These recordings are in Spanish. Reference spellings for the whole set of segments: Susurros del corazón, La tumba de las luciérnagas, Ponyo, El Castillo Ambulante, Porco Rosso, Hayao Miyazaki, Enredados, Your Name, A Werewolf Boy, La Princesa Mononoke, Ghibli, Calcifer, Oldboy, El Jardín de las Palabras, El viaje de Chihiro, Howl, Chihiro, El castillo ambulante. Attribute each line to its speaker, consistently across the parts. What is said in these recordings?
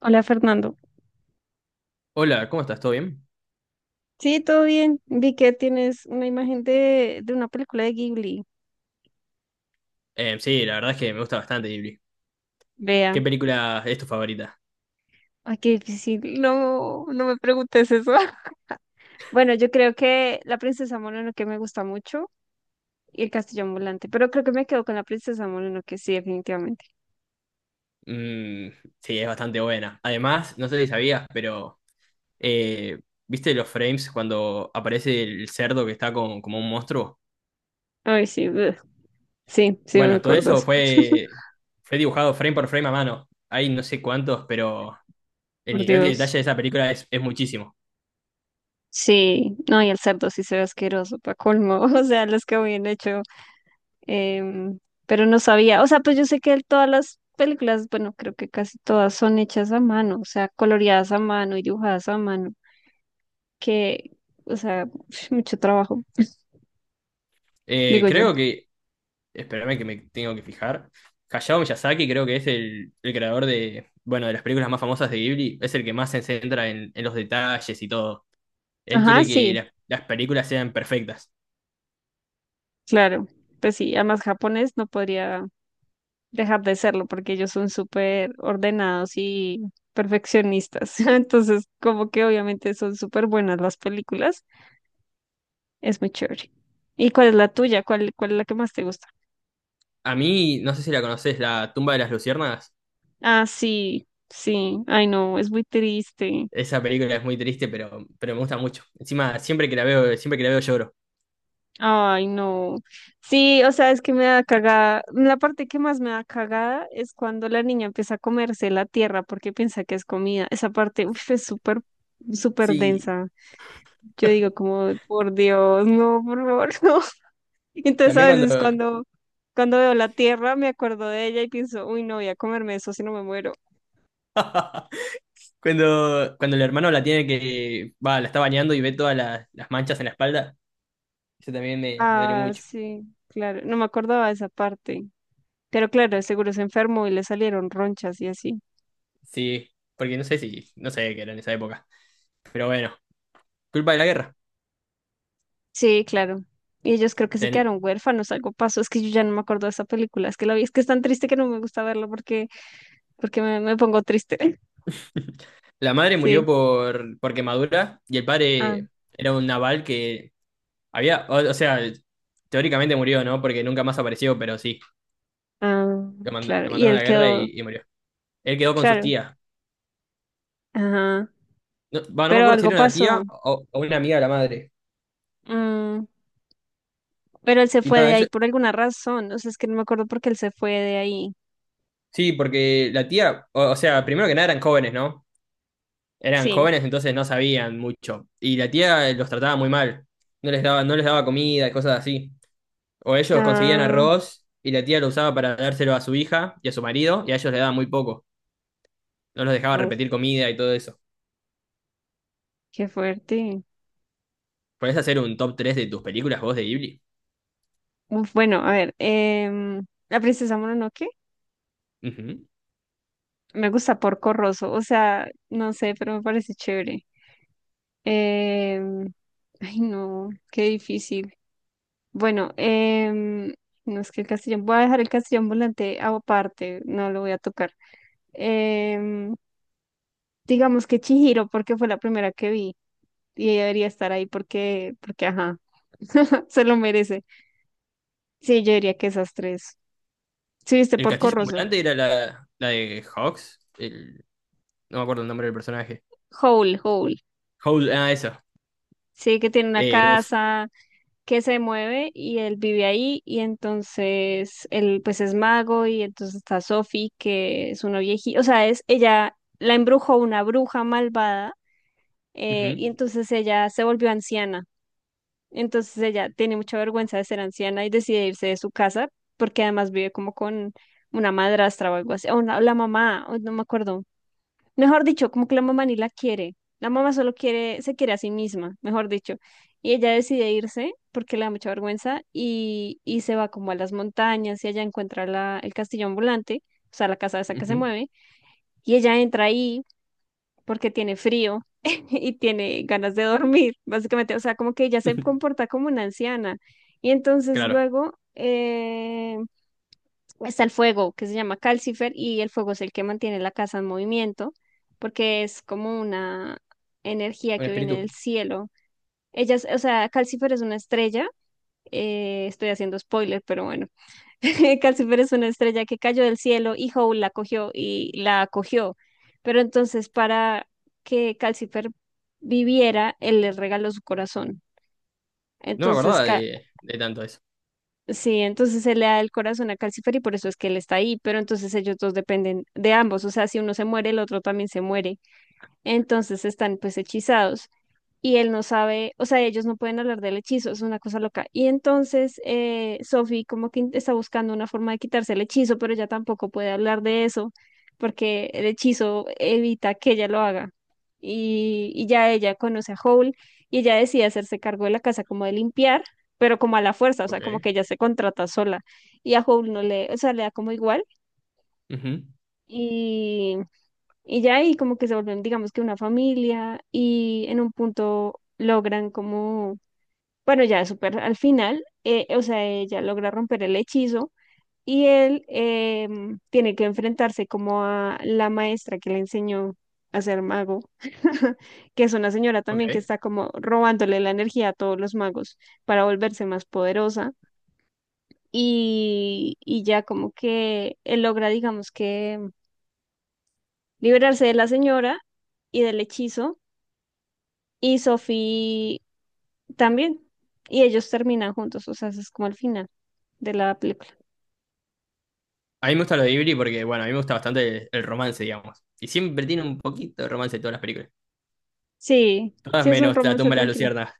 Speaker 1: Hola Fernando.
Speaker 2: Hola, ¿cómo estás? ¿Todo bien?
Speaker 1: Sí, todo bien. Vi que tienes una imagen de una película de Ghibli.
Speaker 2: Sí, la verdad es que me gusta bastante Ghibli. ¿Qué
Speaker 1: Vea.
Speaker 2: película es tu favorita?
Speaker 1: Ay, qué difícil. No, no me preguntes eso. Bueno, yo creo que La Princesa Mononoke me gusta mucho y El Castillo Ambulante, pero creo que me quedo con La Princesa Mononoke, sí, definitivamente.
Speaker 2: Mm, sí, es bastante buena. Además, no sé si sabías, pero eh, ¿viste los frames cuando aparece el cerdo que está como un monstruo?
Speaker 1: Ay, sí, ugh. Sí, sí me
Speaker 2: Bueno, todo
Speaker 1: acuerdo.
Speaker 2: eso
Speaker 1: eso.
Speaker 2: fue dibujado frame por frame a mano. Hay no sé cuántos, pero el
Speaker 1: Por
Speaker 2: nivel de
Speaker 1: Dios.
Speaker 2: detalle de esa película es muchísimo.
Speaker 1: Sí, no, y el cerdo sí se ve asqueroso, pa' colmo. O sea, los que habían hecho em, pero no sabía, o sea, pues yo sé que todas las películas, bueno, creo que casi todas son hechas a mano, o sea, coloreadas a mano y dibujadas a mano, que, o sea, mucho trabajo, digo yo.
Speaker 2: Creo que espérame que me tengo que fijar. Hayao Miyazaki creo que es el creador de, bueno, de las películas más famosas de Ghibli, es el que más se centra en los detalles y todo. Él
Speaker 1: Ajá,
Speaker 2: quiere que
Speaker 1: sí,
Speaker 2: las películas sean perfectas.
Speaker 1: claro, pues sí, además japonés no podría dejar de serlo porque ellos son súper ordenados y perfeccionistas, entonces como que obviamente son súper buenas las películas, es muy chévere. ¿Y cuál es la tuya? ¿Cuál es la que más te gusta?
Speaker 2: A mí, no sé si la conoces, La tumba de las luciérnagas.
Speaker 1: Ah, sí, sí, ay no, es muy triste.
Speaker 2: Esa película es muy triste, pero me gusta mucho. Encima, siempre que la veo, siempre que la veo lloro.
Speaker 1: Ay no. Sí, o sea, es que me da cagada. La parte que más me da cagada es cuando la niña empieza a comerse la tierra porque piensa que es comida. Esa parte, uf, es súper, súper
Speaker 2: Sí,
Speaker 1: densa. Yo digo como, por Dios, no, por favor, no. Entonces
Speaker 2: también
Speaker 1: a
Speaker 2: cuando,
Speaker 1: veces cuando, veo la tierra me acuerdo de ella y pienso, uy, no voy a comerme eso si no me muero.
Speaker 2: cuando el hermano la tiene que, va, la está bañando y ve todas las manchas en la espalda, eso también me duele
Speaker 1: Ah,
Speaker 2: mucho.
Speaker 1: sí, claro, no me acordaba de esa parte. Pero claro, seguro se enfermó y le salieron ronchas y así.
Speaker 2: Sí, porque no sé si, no sé qué era en esa época. Pero bueno, culpa de la guerra.
Speaker 1: Sí, claro. Y ellos creo que se
Speaker 2: Ten-
Speaker 1: quedaron huérfanos, algo pasó. Es que yo ya no me acuerdo de esa película. Es que la vi, es que es tan triste que no me gusta verla porque me pongo triste.
Speaker 2: La madre murió
Speaker 1: Sí.
Speaker 2: por quemadura y el
Speaker 1: Ah,
Speaker 2: padre era un naval que había, o sea, teóricamente murió, ¿no? Porque nunca más apareció, pero sí,
Speaker 1: ah, claro.
Speaker 2: lo
Speaker 1: Y
Speaker 2: mandaron a
Speaker 1: él
Speaker 2: la guerra
Speaker 1: quedó,
Speaker 2: y murió. Él quedó con sus
Speaker 1: claro.
Speaker 2: tías.
Speaker 1: Ajá.
Speaker 2: No, va, no me
Speaker 1: Pero
Speaker 2: acuerdo si
Speaker 1: algo
Speaker 2: era una tía
Speaker 1: pasó.
Speaker 2: o una amiga de la madre.
Speaker 1: Mm, pero él se
Speaker 2: Y
Speaker 1: fue
Speaker 2: nada,
Speaker 1: de ahí
Speaker 2: ellos,
Speaker 1: por alguna razón. O sea, es que no me acuerdo por qué él se fue de ahí.
Speaker 2: sí, porque la tía, o sea, primero que nada eran jóvenes, ¿no? Eran
Speaker 1: Sí.
Speaker 2: jóvenes, entonces no sabían mucho. Y la tía los trataba muy mal. No les daba comida, cosas así. O ellos conseguían
Speaker 1: Ah,
Speaker 2: arroz y la tía lo usaba para dárselo a su hija y a su marido, y a ellos le daba muy poco. No los dejaba
Speaker 1: uf,
Speaker 2: repetir comida y todo eso.
Speaker 1: qué fuerte.
Speaker 2: ¿Podés hacer un top tres de tus películas vos de Ghibli?
Speaker 1: Uf, bueno, a ver. La Princesa Mononoke.
Speaker 2: Ujú.
Speaker 1: Me gusta Porco Rosso, o sea, no sé, pero me parece chévere. Em, Ay, no, qué difícil. Bueno, no es que el castellón, voy a dejar el castellón volante aparte, no lo voy a tocar. Em, digamos que Chihiro, porque fue la primera que vi y ella debería estar ahí porque, ajá, se lo merece. Sí, yo diría que esas tres. Sí, viste
Speaker 2: El
Speaker 1: Porco
Speaker 2: castillo
Speaker 1: Rosso,
Speaker 2: ambulante era la de Hawks. No me acuerdo el nombre del personaje.
Speaker 1: Howl, Howl.
Speaker 2: Ah, eso.
Speaker 1: Sí, que tiene una
Speaker 2: Uf.
Speaker 1: casa que se mueve y él vive ahí y entonces él pues es mago y entonces está Sophie que es una viejita, o sea, es ella la embrujó una bruja malvada y
Speaker 2: Ujú,
Speaker 1: entonces ella se volvió anciana. Entonces ella tiene mucha vergüenza de ser anciana y decide irse de su casa porque además vive como con una madrastra o algo así, la mamá, o no me acuerdo. Mejor dicho, como que la mamá ni la quiere. La mamá solo quiere, se quiere a sí misma, mejor dicho. Y ella decide irse porque le da mucha vergüenza y, se va como a las montañas y allá encuentra el castillo ambulante, o sea, la casa esa que se
Speaker 2: ujú.
Speaker 1: mueve. Y ella entra ahí porque tiene frío y tiene ganas de dormir, básicamente. O sea, como que ella se comporta como una anciana. Y entonces
Speaker 2: Claro,
Speaker 1: luego, está el fuego, que se llama Calcifer, y el fuego es el que mantiene la casa en movimiento, porque es como una energía
Speaker 2: un
Speaker 1: que viene
Speaker 2: espíritu.
Speaker 1: del cielo. Ellas, o sea, Calcifer es una estrella, estoy haciendo spoiler, pero bueno, Calcifer es una estrella que cayó del cielo y Howl la cogió y la acogió. Pero entonces para que Calcifer viviera, él le regaló su corazón.
Speaker 2: No me
Speaker 1: Entonces,
Speaker 2: acordaba
Speaker 1: ca-
Speaker 2: de tanto eso.
Speaker 1: Sí, entonces se le da el corazón a Calcifer y por eso es que él está ahí, pero entonces ellos dos dependen de ambos, o sea, si uno se muere, el otro también se muere, entonces están pues hechizados y él no sabe, o sea, ellos no pueden hablar del hechizo, es una cosa loca. Y entonces Sophie como que está buscando una forma de quitarse el hechizo, pero ella tampoco puede hablar de eso porque el hechizo evita que ella lo haga. Y ya ella conoce a Howl y ella decide hacerse cargo de la casa como de limpiar, pero como a la fuerza, o sea, como
Speaker 2: Ok.
Speaker 1: que ella se contrata sola y a Howl no le, o sea, le da como igual
Speaker 2: Ujú.
Speaker 1: y, ya ahí como que se vuelven, digamos que una familia y en un punto logran como bueno, ya super al final, o sea, ella logra romper el hechizo y él tiene que enfrentarse como a la maestra que le enseñó a ser mago, que es una señora también que
Speaker 2: Ok.
Speaker 1: está como robándole la energía a todos los magos para volverse más poderosa. Y ya como que él logra, digamos que, liberarse de la señora y del hechizo, y Sophie también. Y ellos terminan juntos, o sea, ese es como el final de la película.
Speaker 2: A mí me gusta lo de Ghibli porque, bueno, a mí me gusta bastante el romance, digamos. Y siempre tiene un poquito de romance en todas las películas.
Speaker 1: Sí,
Speaker 2: Todas
Speaker 1: sí es un
Speaker 2: menos La
Speaker 1: romance
Speaker 2: tumba de las
Speaker 1: tranquilo.
Speaker 2: luciernas.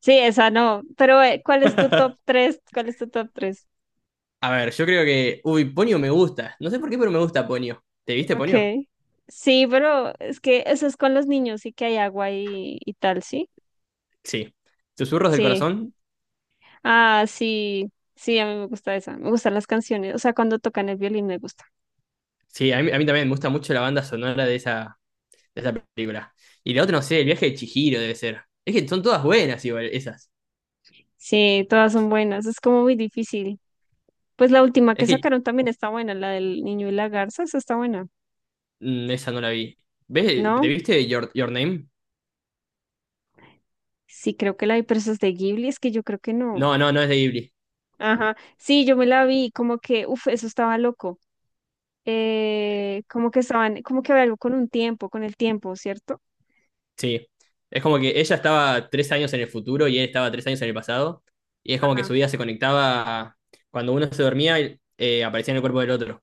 Speaker 1: Sí, esa no. Pero, ¿cuál es tu top 3? ¿Cuál es tu top 3?
Speaker 2: A ver, yo creo que... Uy, Ponyo me gusta. No sé por qué, pero me gusta Ponyo. ¿Te viste Ponyo?
Speaker 1: Ok. Sí, pero es que eso es con los niños, y que hay agua y, tal, ¿sí?
Speaker 2: Sí. Susurros del
Speaker 1: Sí.
Speaker 2: corazón.
Speaker 1: Ah, sí. Sí, a mí me gusta esa. Me gustan las canciones. O sea, cuando tocan el violín me gusta.
Speaker 2: Sí, a mí también me gusta mucho la banda sonora de esa película. Y la otra, no sé, El viaje de Chihiro debe ser. Es que son todas buenas igual, esas.
Speaker 1: Sí, todas son buenas. Es como muy difícil. Pues la última
Speaker 2: Es
Speaker 1: que
Speaker 2: que
Speaker 1: sacaron también está buena, la del niño y la garza, esa está buena,
Speaker 2: esa no la vi. ¿Ves? ¿Te
Speaker 1: ¿no?
Speaker 2: viste Your Name?
Speaker 1: Sí, creo que la de presas de Ghibli, es que yo creo que no.
Speaker 2: No, no, no es de Ghibli.
Speaker 1: Ajá, sí, yo me la vi, como que, uff, eso estaba loco. Como que estaban, como que había algo con un tiempo, con el tiempo, ¿cierto?
Speaker 2: Sí, es como que ella estaba 3 años en el futuro y él estaba 3 años en el pasado, y es como que su
Speaker 1: Ajá.
Speaker 2: vida se conectaba cuando uno se dormía, aparecía en el cuerpo del otro.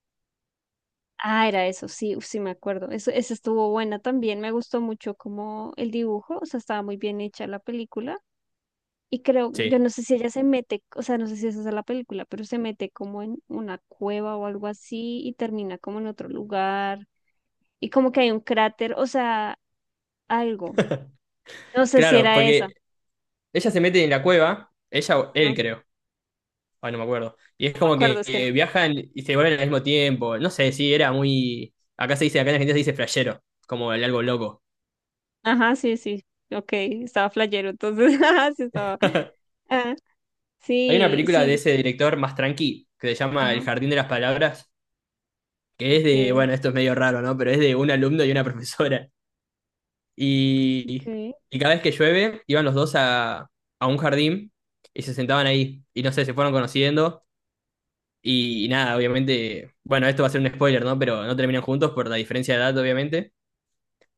Speaker 1: Ah, era eso, sí, uf, sí me acuerdo. Eso, esa estuvo buena también, me gustó mucho como el dibujo, o sea, estaba muy bien hecha la película. Y creo, yo
Speaker 2: Sí,
Speaker 1: no sé si ella se mete, o sea, no sé si esa es la película, pero se mete como en una cueva o algo así y termina como en otro lugar. Y como que hay un cráter, o sea, algo. No sé si
Speaker 2: claro,
Speaker 1: era esa.
Speaker 2: porque ella se mete en la cueva, ella o él
Speaker 1: Ajá,
Speaker 2: creo, ah, no me acuerdo, y es
Speaker 1: no me
Speaker 2: como
Speaker 1: acuerdo,
Speaker 2: que
Speaker 1: es que no.
Speaker 2: viajan y se vuelven al mismo tiempo, no sé, sí, era muy, acá se dice, acá en Argentina se dice flashero, como el algo loco.
Speaker 1: Ajá, sí, sí. Ok, estaba flayero, entonces, ajá, sí estaba. Ah,
Speaker 2: Hay una
Speaker 1: sí,
Speaker 2: película de
Speaker 1: sí.
Speaker 2: ese director más tranqui, que se llama
Speaker 1: Ajá.
Speaker 2: El Jardín de las Palabras, que es
Speaker 1: Ok,
Speaker 2: de, bueno, esto es medio raro, ¿no? Pero es de un alumno y una profesora. Y,
Speaker 1: ok.
Speaker 2: y cada vez que llueve, iban los dos a un jardín y se sentaban ahí. Y no sé, se fueron conociendo. Y nada, obviamente, bueno, esto va a ser un spoiler, ¿no? Pero no terminan juntos por la diferencia de edad, obviamente.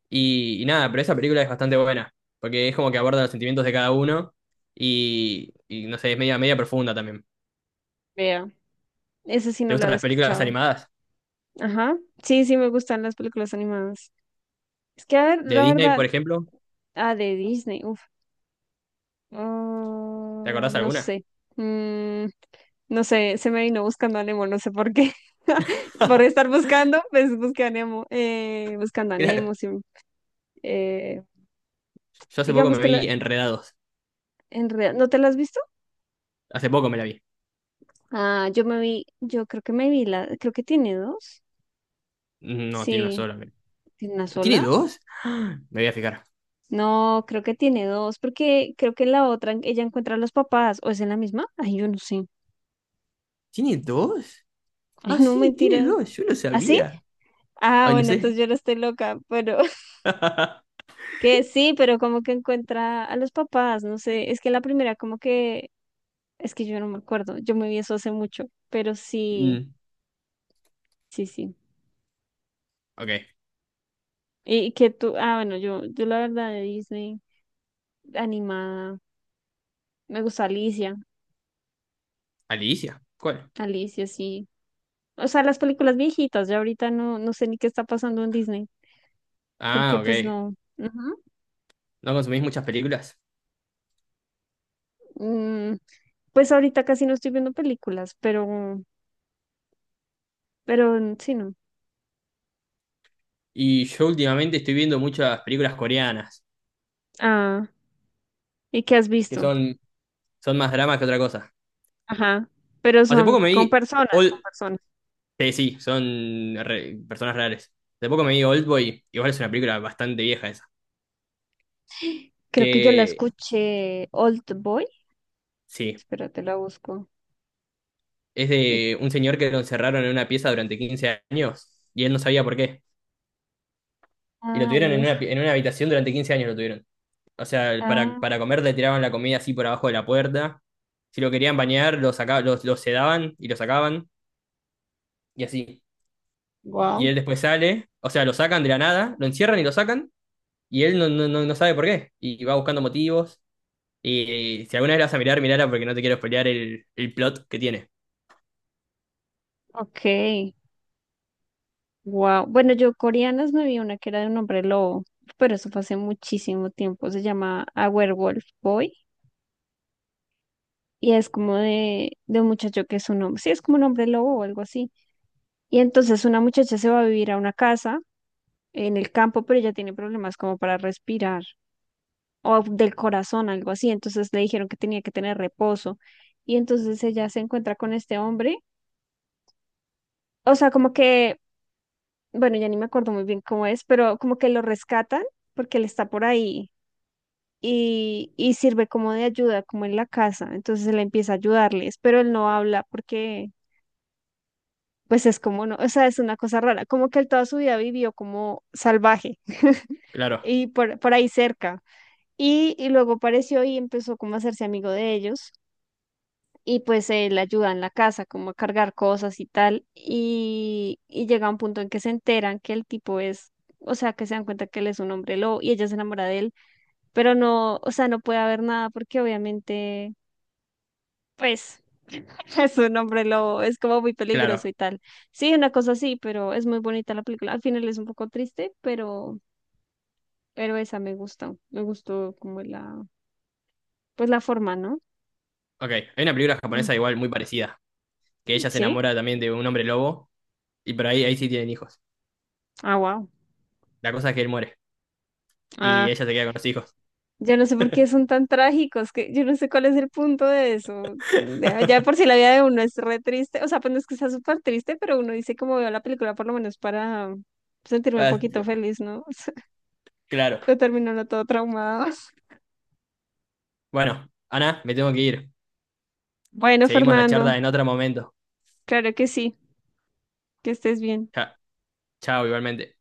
Speaker 2: Y nada, pero esa película es bastante buena, porque es como que aborda los sentimientos de cada uno y no sé, es media, media profunda también.
Speaker 1: Vea, esa sí
Speaker 2: ¿Te
Speaker 1: no la
Speaker 2: gustan
Speaker 1: había
Speaker 2: las películas
Speaker 1: escuchado.
Speaker 2: animadas?
Speaker 1: Ajá. Sí, sí me gustan las películas animadas. Es que, a ver,
Speaker 2: De
Speaker 1: la
Speaker 2: Disney, por
Speaker 1: verdad,
Speaker 2: ejemplo,
Speaker 1: ah, de Disney, uf.
Speaker 2: ¿te
Speaker 1: Ah,
Speaker 2: acordás
Speaker 1: no
Speaker 2: alguna?
Speaker 1: sé. Mm, no sé, se me vino buscando a Nemo, no sé por qué. Por estar buscando, pues busqué a Nemo. Buscando a
Speaker 2: Claro,
Speaker 1: Nemo, sí. Eh,
Speaker 2: yo hace poco
Speaker 1: digamos
Speaker 2: me
Speaker 1: que
Speaker 2: vi
Speaker 1: la,
Speaker 2: Enredados.
Speaker 1: en realidad, ¿no te la has visto?
Speaker 2: Hace poco me la vi.
Speaker 1: Ah, yo me vi, yo creo que me vi la, creo que tiene dos.
Speaker 2: No, tiene una
Speaker 1: Sí,
Speaker 2: sola.
Speaker 1: ¿tiene una
Speaker 2: ¿Tiene
Speaker 1: sola?
Speaker 2: dos? Me voy a fijar.
Speaker 1: No, creo que tiene dos, porque creo que en la otra ella encuentra a los papás, ¿o es en la misma? Ay, yo no sé.
Speaker 2: ¿Tiene dos?
Speaker 1: Ay,
Speaker 2: Ah,
Speaker 1: no,
Speaker 2: sí, tiene
Speaker 1: mentira.
Speaker 2: dos. Yo no
Speaker 1: ¿Ah, sí?
Speaker 2: sabía.
Speaker 1: Ah,
Speaker 2: Ay, no
Speaker 1: bueno,
Speaker 2: sé.
Speaker 1: entonces yo no estoy loca, pero que sí, pero como que encuentra a los papás, no sé, es que la primera como que, es que yo no me acuerdo, yo me vi eso hace mucho, pero sí,
Speaker 2: Mm,
Speaker 1: sí, sí.
Speaker 2: ok.
Speaker 1: Y que tú, ah, bueno, yo la verdad de Disney animada, me gusta Alicia.
Speaker 2: Alicia. ¿Cuál?
Speaker 1: Alicia, sí. O sea, las películas viejitas, ya ahorita no, no sé ni qué está pasando en Disney, porque
Speaker 2: Ah,
Speaker 1: pues
Speaker 2: ok.
Speaker 1: no. Ujú.
Speaker 2: ¿No consumís muchas películas?
Speaker 1: Mm, pues ahorita casi no estoy viendo películas, pero, mm, sí, no.
Speaker 2: Y yo últimamente estoy viendo muchas películas coreanas,
Speaker 1: Ah, ¿y qué has
Speaker 2: que
Speaker 1: visto?
Speaker 2: son más dramas que otra cosa.
Speaker 1: Ajá. Pero
Speaker 2: Hace
Speaker 1: son
Speaker 2: poco me
Speaker 1: con
Speaker 2: vi,
Speaker 1: personas, con
Speaker 2: Old...
Speaker 1: personas.
Speaker 2: sí, son personas reales. Hace poco me vi Oldboy. Igual es una película bastante vieja esa.
Speaker 1: Creo que yo la
Speaker 2: Que
Speaker 1: escuché Old Boy.
Speaker 2: sí,
Speaker 1: Espérate, la busco.
Speaker 2: es
Speaker 1: Y,
Speaker 2: de un señor que lo encerraron en una pieza durante 15 años y él no sabía por qué. Y lo
Speaker 1: ah,
Speaker 2: tuvieron en
Speaker 1: uff.
Speaker 2: una, en una habitación durante 15 años lo tuvieron. O sea, para,
Speaker 1: Ah,
Speaker 2: para comer le tiraban la comida así por abajo de la puerta. Si lo querían bañar, lo saca, lo sedaban y lo sacaban. Y así. Y
Speaker 1: wow.
Speaker 2: él después sale. O sea, lo sacan de la nada, lo encierran y lo sacan. Y él no sabe por qué. Y va buscando motivos. Y si alguna vez la vas a mirar, mirala porque no te quiero spoilear el plot que tiene.
Speaker 1: Ok. Wow. Bueno, yo coreanas me vi una que era de un hombre lobo, pero eso fue hace muchísimo tiempo. Se llama A Werewolf Boy y es como de un muchacho que es un hombre. Sí, es como un hombre lobo o algo así. Y entonces una muchacha se va a vivir a una casa en el campo, pero ella tiene problemas como para respirar o del corazón, algo así. Entonces le dijeron que tenía que tener reposo. Y entonces ella se encuentra con este hombre. O sea, como que, bueno, ya ni me acuerdo muy bien cómo es, pero como que lo rescatan porque él está por ahí y, sirve como de ayuda, como en la casa. Entonces él empieza a ayudarles, pero él no habla porque, pues es como no, o sea, es una cosa rara, como que él toda su vida vivió como salvaje
Speaker 2: Claro,
Speaker 1: y por ahí cerca. Y luego apareció y empezó como a hacerse amigo de ellos. Y pues él ayuda en la casa, como a cargar cosas y tal. Y llega un punto en que se enteran que el tipo es, o sea, que se dan cuenta que él es un hombre lobo y ella se enamora de él. Pero no, o sea, no puede haber nada porque obviamente pues es un hombre lobo, es como muy peligroso
Speaker 2: claro.
Speaker 1: y tal. Sí, una cosa así, pero es muy bonita la película. Al final es un poco triste, pero, esa me gustó. Me gustó como pues la forma, ¿no?
Speaker 2: Ok. Hay una película
Speaker 1: Mm,
Speaker 2: japonesa igual muy parecida. Que ella se
Speaker 1: sí.
Speaker 2: enamora también de un hombre lobo. Y por ahí, ahí sí tienen hijos.
Speaker 1: Ah, wow.
Speaker 2: La cosa es que él muere. Y
Speaker 1: Ah,
Speaker 2: ella se queda con los hijos.
Speaker 1: yo no sé por qué son tan trágicos, que yo no sé cuál es el punto de eso. Ya por si la vida de uno es re triste, o sea, pues no es que sea súper triste, pero uno dice como veo la película por lo menos para sentirme un
Speaker 2: Ah,
Speaker 1: poquito feliz, ¿no?
Speaker 2: claro.
Speaker 1: Pero terminó uno todo traumado.
Speaker 2: Bueno, Ana, me tengo que ir.
Speaker 1: Bueno,
Speaker 2: Seguimos la
Speaker 1: Fernando.
Speaker 2: charla en otro momento.
Speaker 1: Claro que sí, que estés bien.
Speaker 2: Cha- Chao, igualmente.